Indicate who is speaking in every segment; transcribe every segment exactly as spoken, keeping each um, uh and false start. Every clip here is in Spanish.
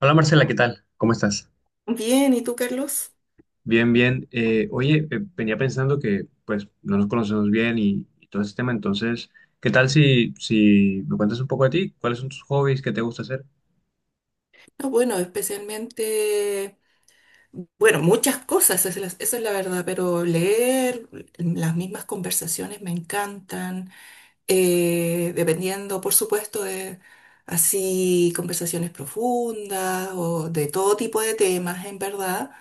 Speaker 1: Hola Marcela, ¿qué tal? ¿Cómo estás?
Speaker 2: Bien, ¿y tú, Carlos?
Speaker 1: Bien, bien. Eh, oye, eh, venía pensando que pues no nos conocemos bien y, y todo ese tema, entonces, ¿qué tal si, si me cuentas un poco de ti? ¿Cuáles son tus hobbies? ¿Qué te gusta hacer?
Speaker 2: No, bueno, especialmente, bueno, muchas cosas, esa es la, esa es la verdad, pero leer las mismas conversaciones me encantan. Eh, dependiendo, por supuesto, de así conversaciones profundas o de todo tipo de temas, en verdad.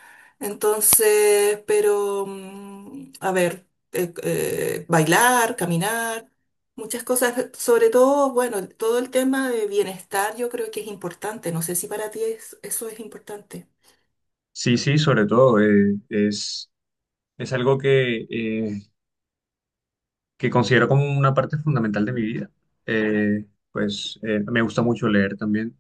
Speaker 2: Entonces, pero, mm, a ver, eh, eh, bailar, caminar, muchas cosas, sobre todo, bueno, todo el tema de bienestar yo creo que es importante. No sé si para ti es- eso es importante.
Speaker 1: Sí, sí, sobre todo, eh, es, es algo que, eh, que considero como una parte fundamental de mi vida. Eh, pues eh, me gusta mucho leer también,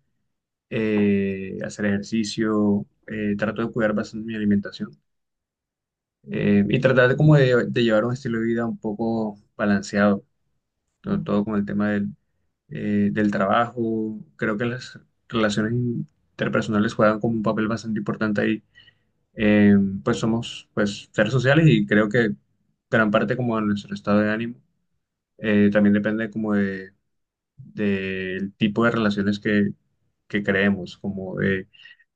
Speaker 1: eh, hacer ejercicio, eh, trato de cuidar bastante mi alimentación. Eh, y tratar de, como de, de llevar un estilo de vida un poco balanceado, todo,
Speaker 2: Mm.
Speaker 1: todo con el tema del, eh, del trabajo. Creo que las relaciones interpersonales juegan como un papel bastante importante ahí. Eh, pues somos pues, seres sociales y creo que gran parte como de nuestro estado de ánimo eh, también depende como de, del tipo de relaciones que, que creemos, como de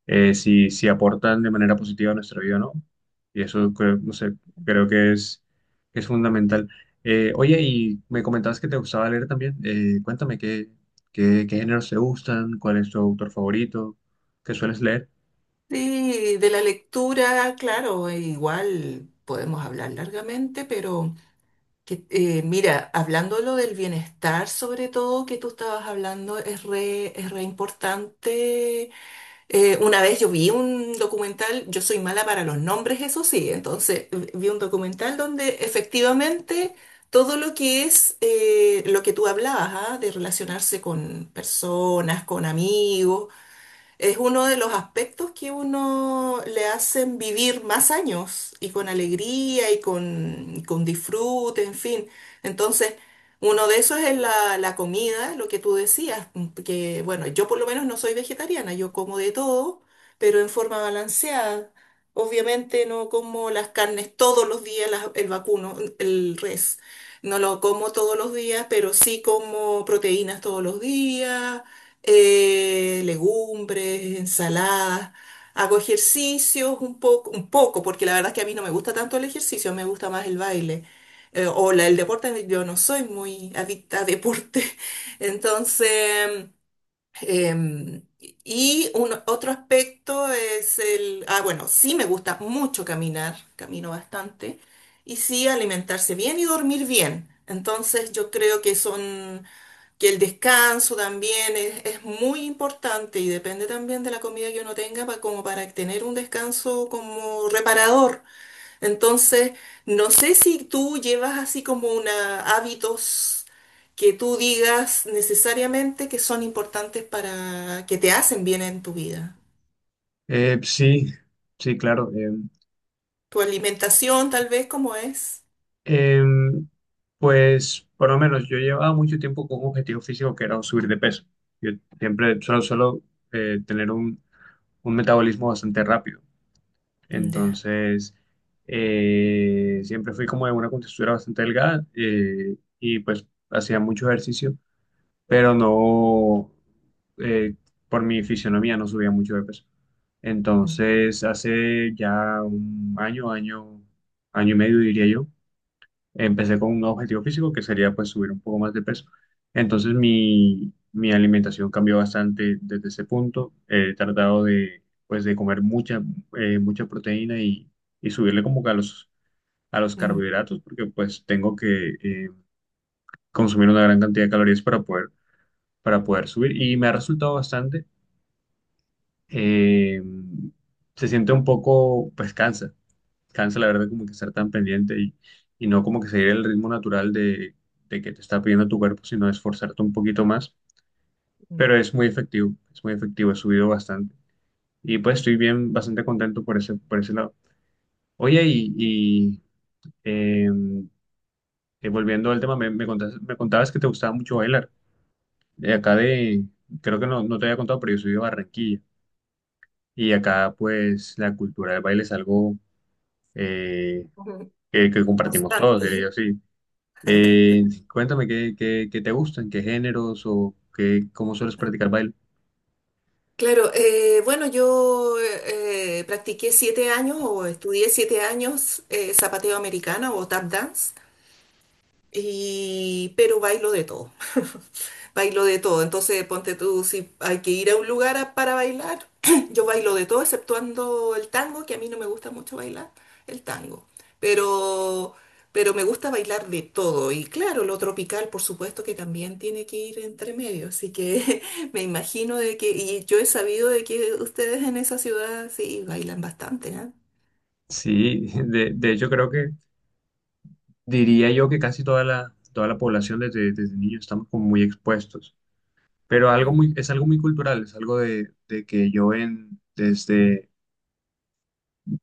Speaker 1: eh, si, si aportan de manera positiva a nuestra vida o no. Y eso creo, no sé, creo que es, que es fundamental. Eh, oye, y me comentabas que te gustaba leer también. Eh, cuéntame qué, qué, qué géneros te gustan, cuál es tu autor favorito, qué sueles leer.
Speaker 2: Sí, de la lectura, claro, igual podemos hablar largamente, pero... Que, eh, mira, hablando de lo del bienestar, sobre todo que tú estabas hablando, es re, es re importante. Eh, una vez yo vi un documental, yo soy mala para los nombres, eso sí, entonces eh, vi un documental donde efectivamente todo lo que es eh, lo que tú hablabas, ¿ah? De relacionarse con personas, con amigos, es uno de los aspectos que uno le hacen vivir más años y con alegría y con, con disfrute, en fin. Entonces, uno de esos es la, la comida, lo que tú decías, mm, que bueno, yo por lo menos no soy vegetariana, yo como de todo, pero en forma balanceada. Obviamente no como las carnes todos los días, las- el vacuno, el res. No lo como todos los días, pero sí como proteínas todos los días eh, legumbres, ensaladas, hago ejercicios un poco, un poco, porque la verdad es que a mí no me gusta tanto el ejercicio, me gusta más el baile. Eh, o la- el deporte, yo no soy muy adicta a deporte. Entonces, em, y un, otro aspecto es el, ah, bueno, sí me gusta mucho caminar, camino bastante, y sí alimentarse bien y dormir bien. Entonces, yo creo que son que el descanso también es, es muy importante y depende también de la comida que uno tenga pa- como para tener un descanso como reparador. Entonces, no sé si tú llevas así como una hábitos que tú digas necesariamente que son importantes para que te hacen bien en tu vida.
Speaker 1: Eh, sí, sí, claro. em,
Speaker 2: Tu alimentación tal vez como es.
Speaker 1: em, pues por lo menos yo llevaba mucho tiempo con un objetivo físico que era subir de peso. Yo siempre solo, solo eh, tener un, un metabolismo bastante rápido.
Speaker 2: Ya.
Speaker 1: Entonces, eh, siempre fui como de una contextura bastante delgada, eh, y pues hacía mucho ejercicio, pero no, eh, por mi fisionomía no subía mucho de peso.
Speaker 2: Mm,
Speaker 1: Entonces, hace ya un año, año, año y medio diría yo, empecé con un objetivo físico que sería pues subir un poco más de peso. Entonces mi, mi alimentación cambió bastante desde ese punto. He tratado de pues de comer mucha, eh, mucha proteína y, y subirle como que a los, a los
Speaker 2: mm,
Speaker 1: carbohidratos porque pues tengo que eh, consumir una gran cantidad de calorías para poder, para poder subir y me ha resultado bastante. Eh, Se siente un poco, pues cansa. cansa la verdad como que estar tan pendiente y, y no como que seguir el ritmo natural de, de que te está pidiendo tu cuerpo, sino esforzarte un poquito más.
Speaker 2: mm.
Speaker 1: Pero es muy efectivo, es muy efectivo, he subido bastante. Y pues estoy bien, bastante contento por ese, por ese lado. Oye, y, y, eh, eh, volviendo al tema, me, me contas- me contabas que te gustaba mucho bailar. De acá de, creo que no, no te había contado, pero yo soy de Barranquilla. Y acá pues la cultura del baile es algo eh,
Speaker 2: Ujú.
Speaker 1: que, que compartimos todos, diría
Speaker 2: Constante.
Speaker 1: yo, sí. Eh, Cuéntame qué, qué, qué te gustan, qué géneros o qué, cómo sueles practicar baile.
Speaker 2: Claro, eh, bueno, yo eh, eh, practiqué siete años o estudié siete años eh, zapateo americano o tap dance. Y, pero bailo de todo, bailo de todo. Entonces, ponte tú, si hay que ir a un lugar a- para bailar, yo bailo de todo, exceptuando el tango, que a mí no me gusta mucho bailar el tango. Pero, pero me gusta bailar de todo. Y claro, lo tropical, por supuesto, que también tiene que ir entre medio. Así que me imagino de que, y yo he sabido de que ustedes en esa ciudad sí bailan bastante, ¿ah?
Speaker 1: Sí, de, de hecho creo que diría yo que casi toda la, toda la población desde, desde niños estamos como muy expuestos, pero algo
Speaker 2: Mm,
Speaker 1: muy, es algo muy cultural, es algo de, de que yo en, desde,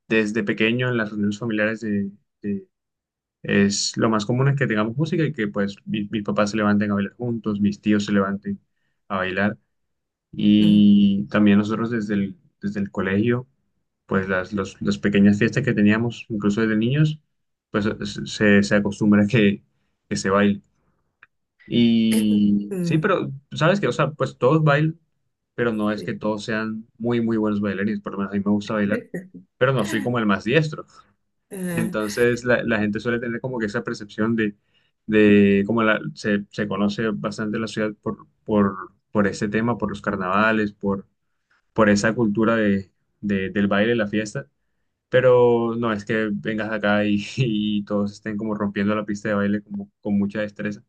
Speaker 1: desde pequeño en las reuniones familiares de, de- es lo más común es que tengamos música y que pues mis, mis papás se levanten a bailar juntos, mis tíos se levanten a bailar.
Speaker 2: mm.
Speaker 1: Y también nosotros desde el, desde el colegio, pues las, los- las pequeñas fiestas que teníamos, incluso desde niños, pues se, se acostumbra que, que se baile. Y sí,
Speaker 2: Mm,
Speaker 1: pero sabes que, o sea, pues todos bailan, pero no es
Speaker 2: sí.
Speaker 1: que todos sean muy, muy buenos bailarines, por lo menos a mí me gusta bailar, pero no soy como el más diestro.
Speaker 2: Ah,
Speaker 1: Entonces la, la gente suele tener como que esa percepción de, de como la, se, se conoce bastante la ciudad por, por, por ese tema, por los carnavales, por por esa cultura de, de- del baile, la fiesta. Pero no es que vengas acá y, y todos estén como rompiendo la pista de baile como, con mucha destreza.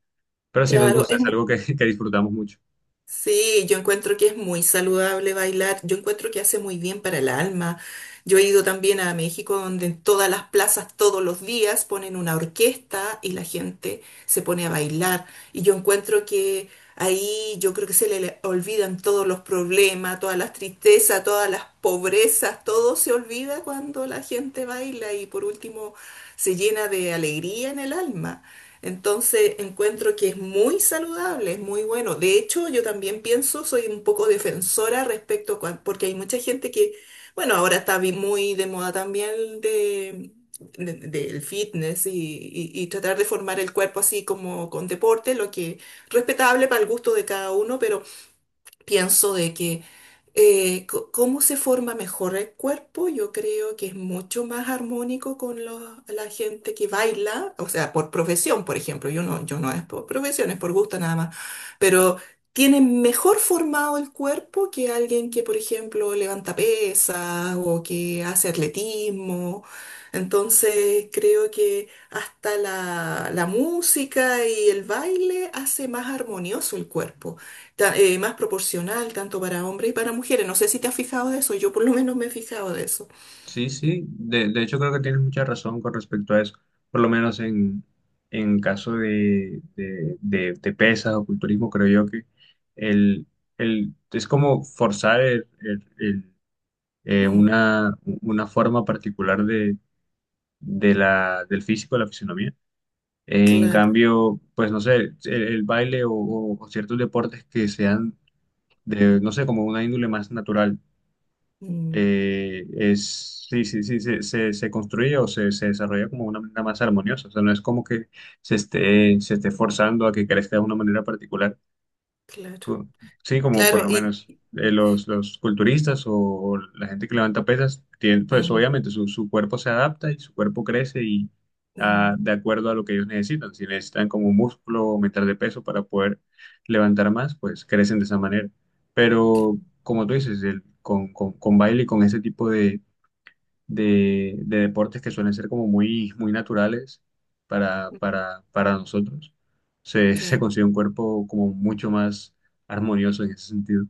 Speaker 1: Pero sí nos
Speaker 2: claro,
Speaker 1: gusta,
Speaker 2: es,
Speaker 1: es
Speaker 2: mu-
Speaker 1: algo que, que disfrutamos mucho.
Speaker 2: sí, yo encuentro que es muy saludable bailar, yo encuentro que hace muy bien para el alma. Yo he ido también a México donde en todas las plazas todos los días ponen una orquesta y la gente se pone a bailar. Y yo encuentro que ahí yo creo que se le olvidan todos los problemas, todas las tristezas, todas las pobrezas, todo se olvida cuando la gente baila y por último se llena de alegría en el alma. Entonces encuentro que es muy saludable, es muy bueno. De hecho, yo también pienso, soy un poco defensora respecto a, cuan- porque hay mucha gente que, bueno, ahora está vi- muy de moda también de, de- del fitness y, y- y tratar de formar el cuerpo así como con deporte, lo que respetable para el gusto de cada uno, pero pienso de que eh, co- cómo se forma mejor el cuerpo, yo creo que es mucho más armónico con los- la gente que baila, o sea, por profesión, por ejemplo, yo no, yo no es por profesión, es por gusto nada más, pero tiene mejor formado el cuerpo que alguien que, por ejemplo, levanta pesas o que hace atletismo. Entonces, creo que hasta la, la música y el baile hace más armonioso el cuerpo ta- eh, más proporcional tanto para hombres y para mujeres. No sé si te has fijado de eso, yo por lo menos me he fijado de eso.
Speaker 1: Sí, sí, de, de hecho creo que tienes mucha razón con respecto a eso. Por lo menos en, en caso de, de, de- de pesas o culturismo, creo yo que el, el, es como forzar el- el- el, eh,
Speaker 2: Mm,
Speaker 1: una, una forma particular de, de la, del físico, de la fisonomía. En
Speaker 2: claro,
Speaker 1: cambio, pues no sé, el, el baile o, o- o ciertos deportes que sean de, no sé, como una índole más natural,
Speaker 2: mm,
Speaker 1: eh, es, sí, sí, sí, se, se, se construye o se, se desarrolla como una manera más armoniosa. O sea, no es como que se esté, se esté forzando a que crezca de una manera particular
Speaker 2: claro,
Speaker 1: co- sí, como por
Speaker 2: claro,
Speaker 1: lo
Speaker 2: y
Speaker 1: menos eh, los, los culturistas o la gente que levanta pesas, tienen, pues
Speaker 2: mm,
Speaker 1: obviamente su, su cuerpo se adapta y su cuerpo crece y ah,
Speaker 2: mm,
Speaker 1: de acuerdo a lo que ellos necesitan. Si necesitan como músculo o aumentar de peso para poder levantar más, pues crecen de esa manera. Pero
Speaker 2: cl-
Speaker 1: como tú dices, el- con, con, con baile y con ese tipo de de, de deportes que suelen ser como muy, muy naturales para,
Speaker 2: mm,
Speaker 1: para, para nosotros. Se, se
Speaker 2: claro.
Speaker 1: consigue un cuerpo como mucho más armonioso en ese sentido.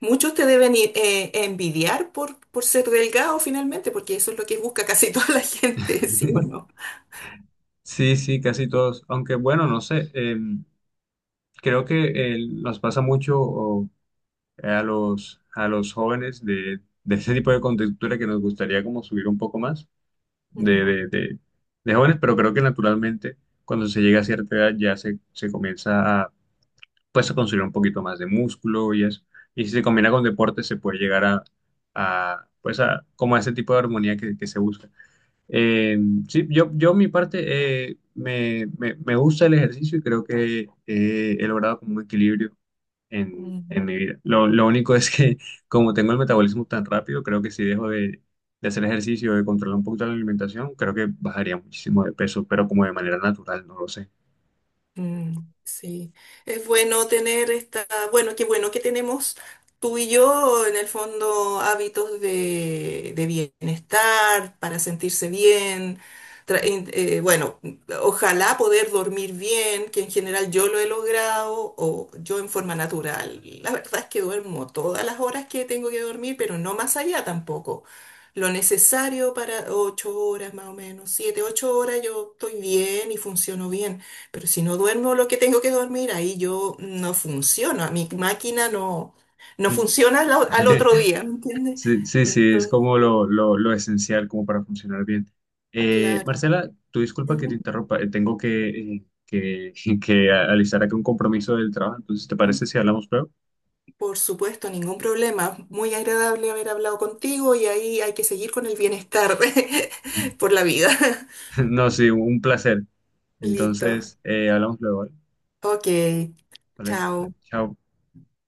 Speaker 2: Muchos te deben i- eh, envidiar por, por ser delgado finalmente, porque eso es lo que busca casi toda la gente, ¿sí o no?
Speaker 1: Sí, sí, casi todos. Aunque bueno, no sé, eh, creo que eh, nos pasa mucho o, a los, a los jóvenes de, de ese tipo de contextura que nos gustaría como subir un poco más de,
Speaker 2: Mm,
Speaker 1: de, de, de jóvenes, pero creo que naturalmente cuando se llega a cierta edad ya se, se comienza a pues a construir un poquito más de músculo y eso. Y si se combina con deporte, se puede llegar a, a, pues a, como a ese tipo de armonía que, que se busca. Eh, sí, yo, yo mi parte eh, me, me, me gusta el ejercicio y creo que eh, he logrado como un equilibrio en, en
Speaker 2: mm.
Speaker 1: mi vida. Lo, lo único es que como tengo el metabolismo tan rápido, creo que si dejo de, de hacer ejercicio, de controlar un poquito la alimentación, creo que bajaría muchísimo de peso, pero como de manera natural, no lo sé.
Speaker 2: Mm, sí, es bueno tener esta, bueno, qué bueno que tenemos tú y yo en el fondo hábitos de, de bienestar para sentirse bien. Tra- in- eh, bueno, ojalá poder dormir bien, que en general yo lo he logrado o yo en forma natural. La verdad es que duermo todas las horas que tengo que dormir, pero no más allá tampoco. Lo necesario para ocho horas más o menos, siete, ocho horas yo estoy bien y funciono bien pero si no duermo lo que tengo que dormir, ahí yo no funciono, a mi máquina no, no funciona al, o- al otro día, ¿me entiendes?
Speaker 1: Sí, sí, sí, es
Speaker 2: Entonces,
Speaker 1: como lo, lo, lo esencial como para funcionar bien. Eh,
Speaker 2: claro.
Speaker 1: Marcela, tu disculpa que te
Speaker 2: Ujú,
Speaker 1: interrumpa, eh, tengo que, eh, que, que alistar aquí un compromiso del trabajo, entonces, ¿te
Speaker 2: ujú.
Speaker 1: parece si hablamos luego?
Speaker 2: Por supuesto, ningún problema. Muy agradable haber hablado contigo y ahí hay que seguir con el bienestar por la vida.
Speaker 1: No, sí, un placer.
Speaker 2: Listo.
Speaker 1: Entonces, eh, hablamos luego, ¿vale?
Speaker 2: Ok.
Speaker 1: Vale, vale,
Speaker 2: Chao.
Speaker 1: chao.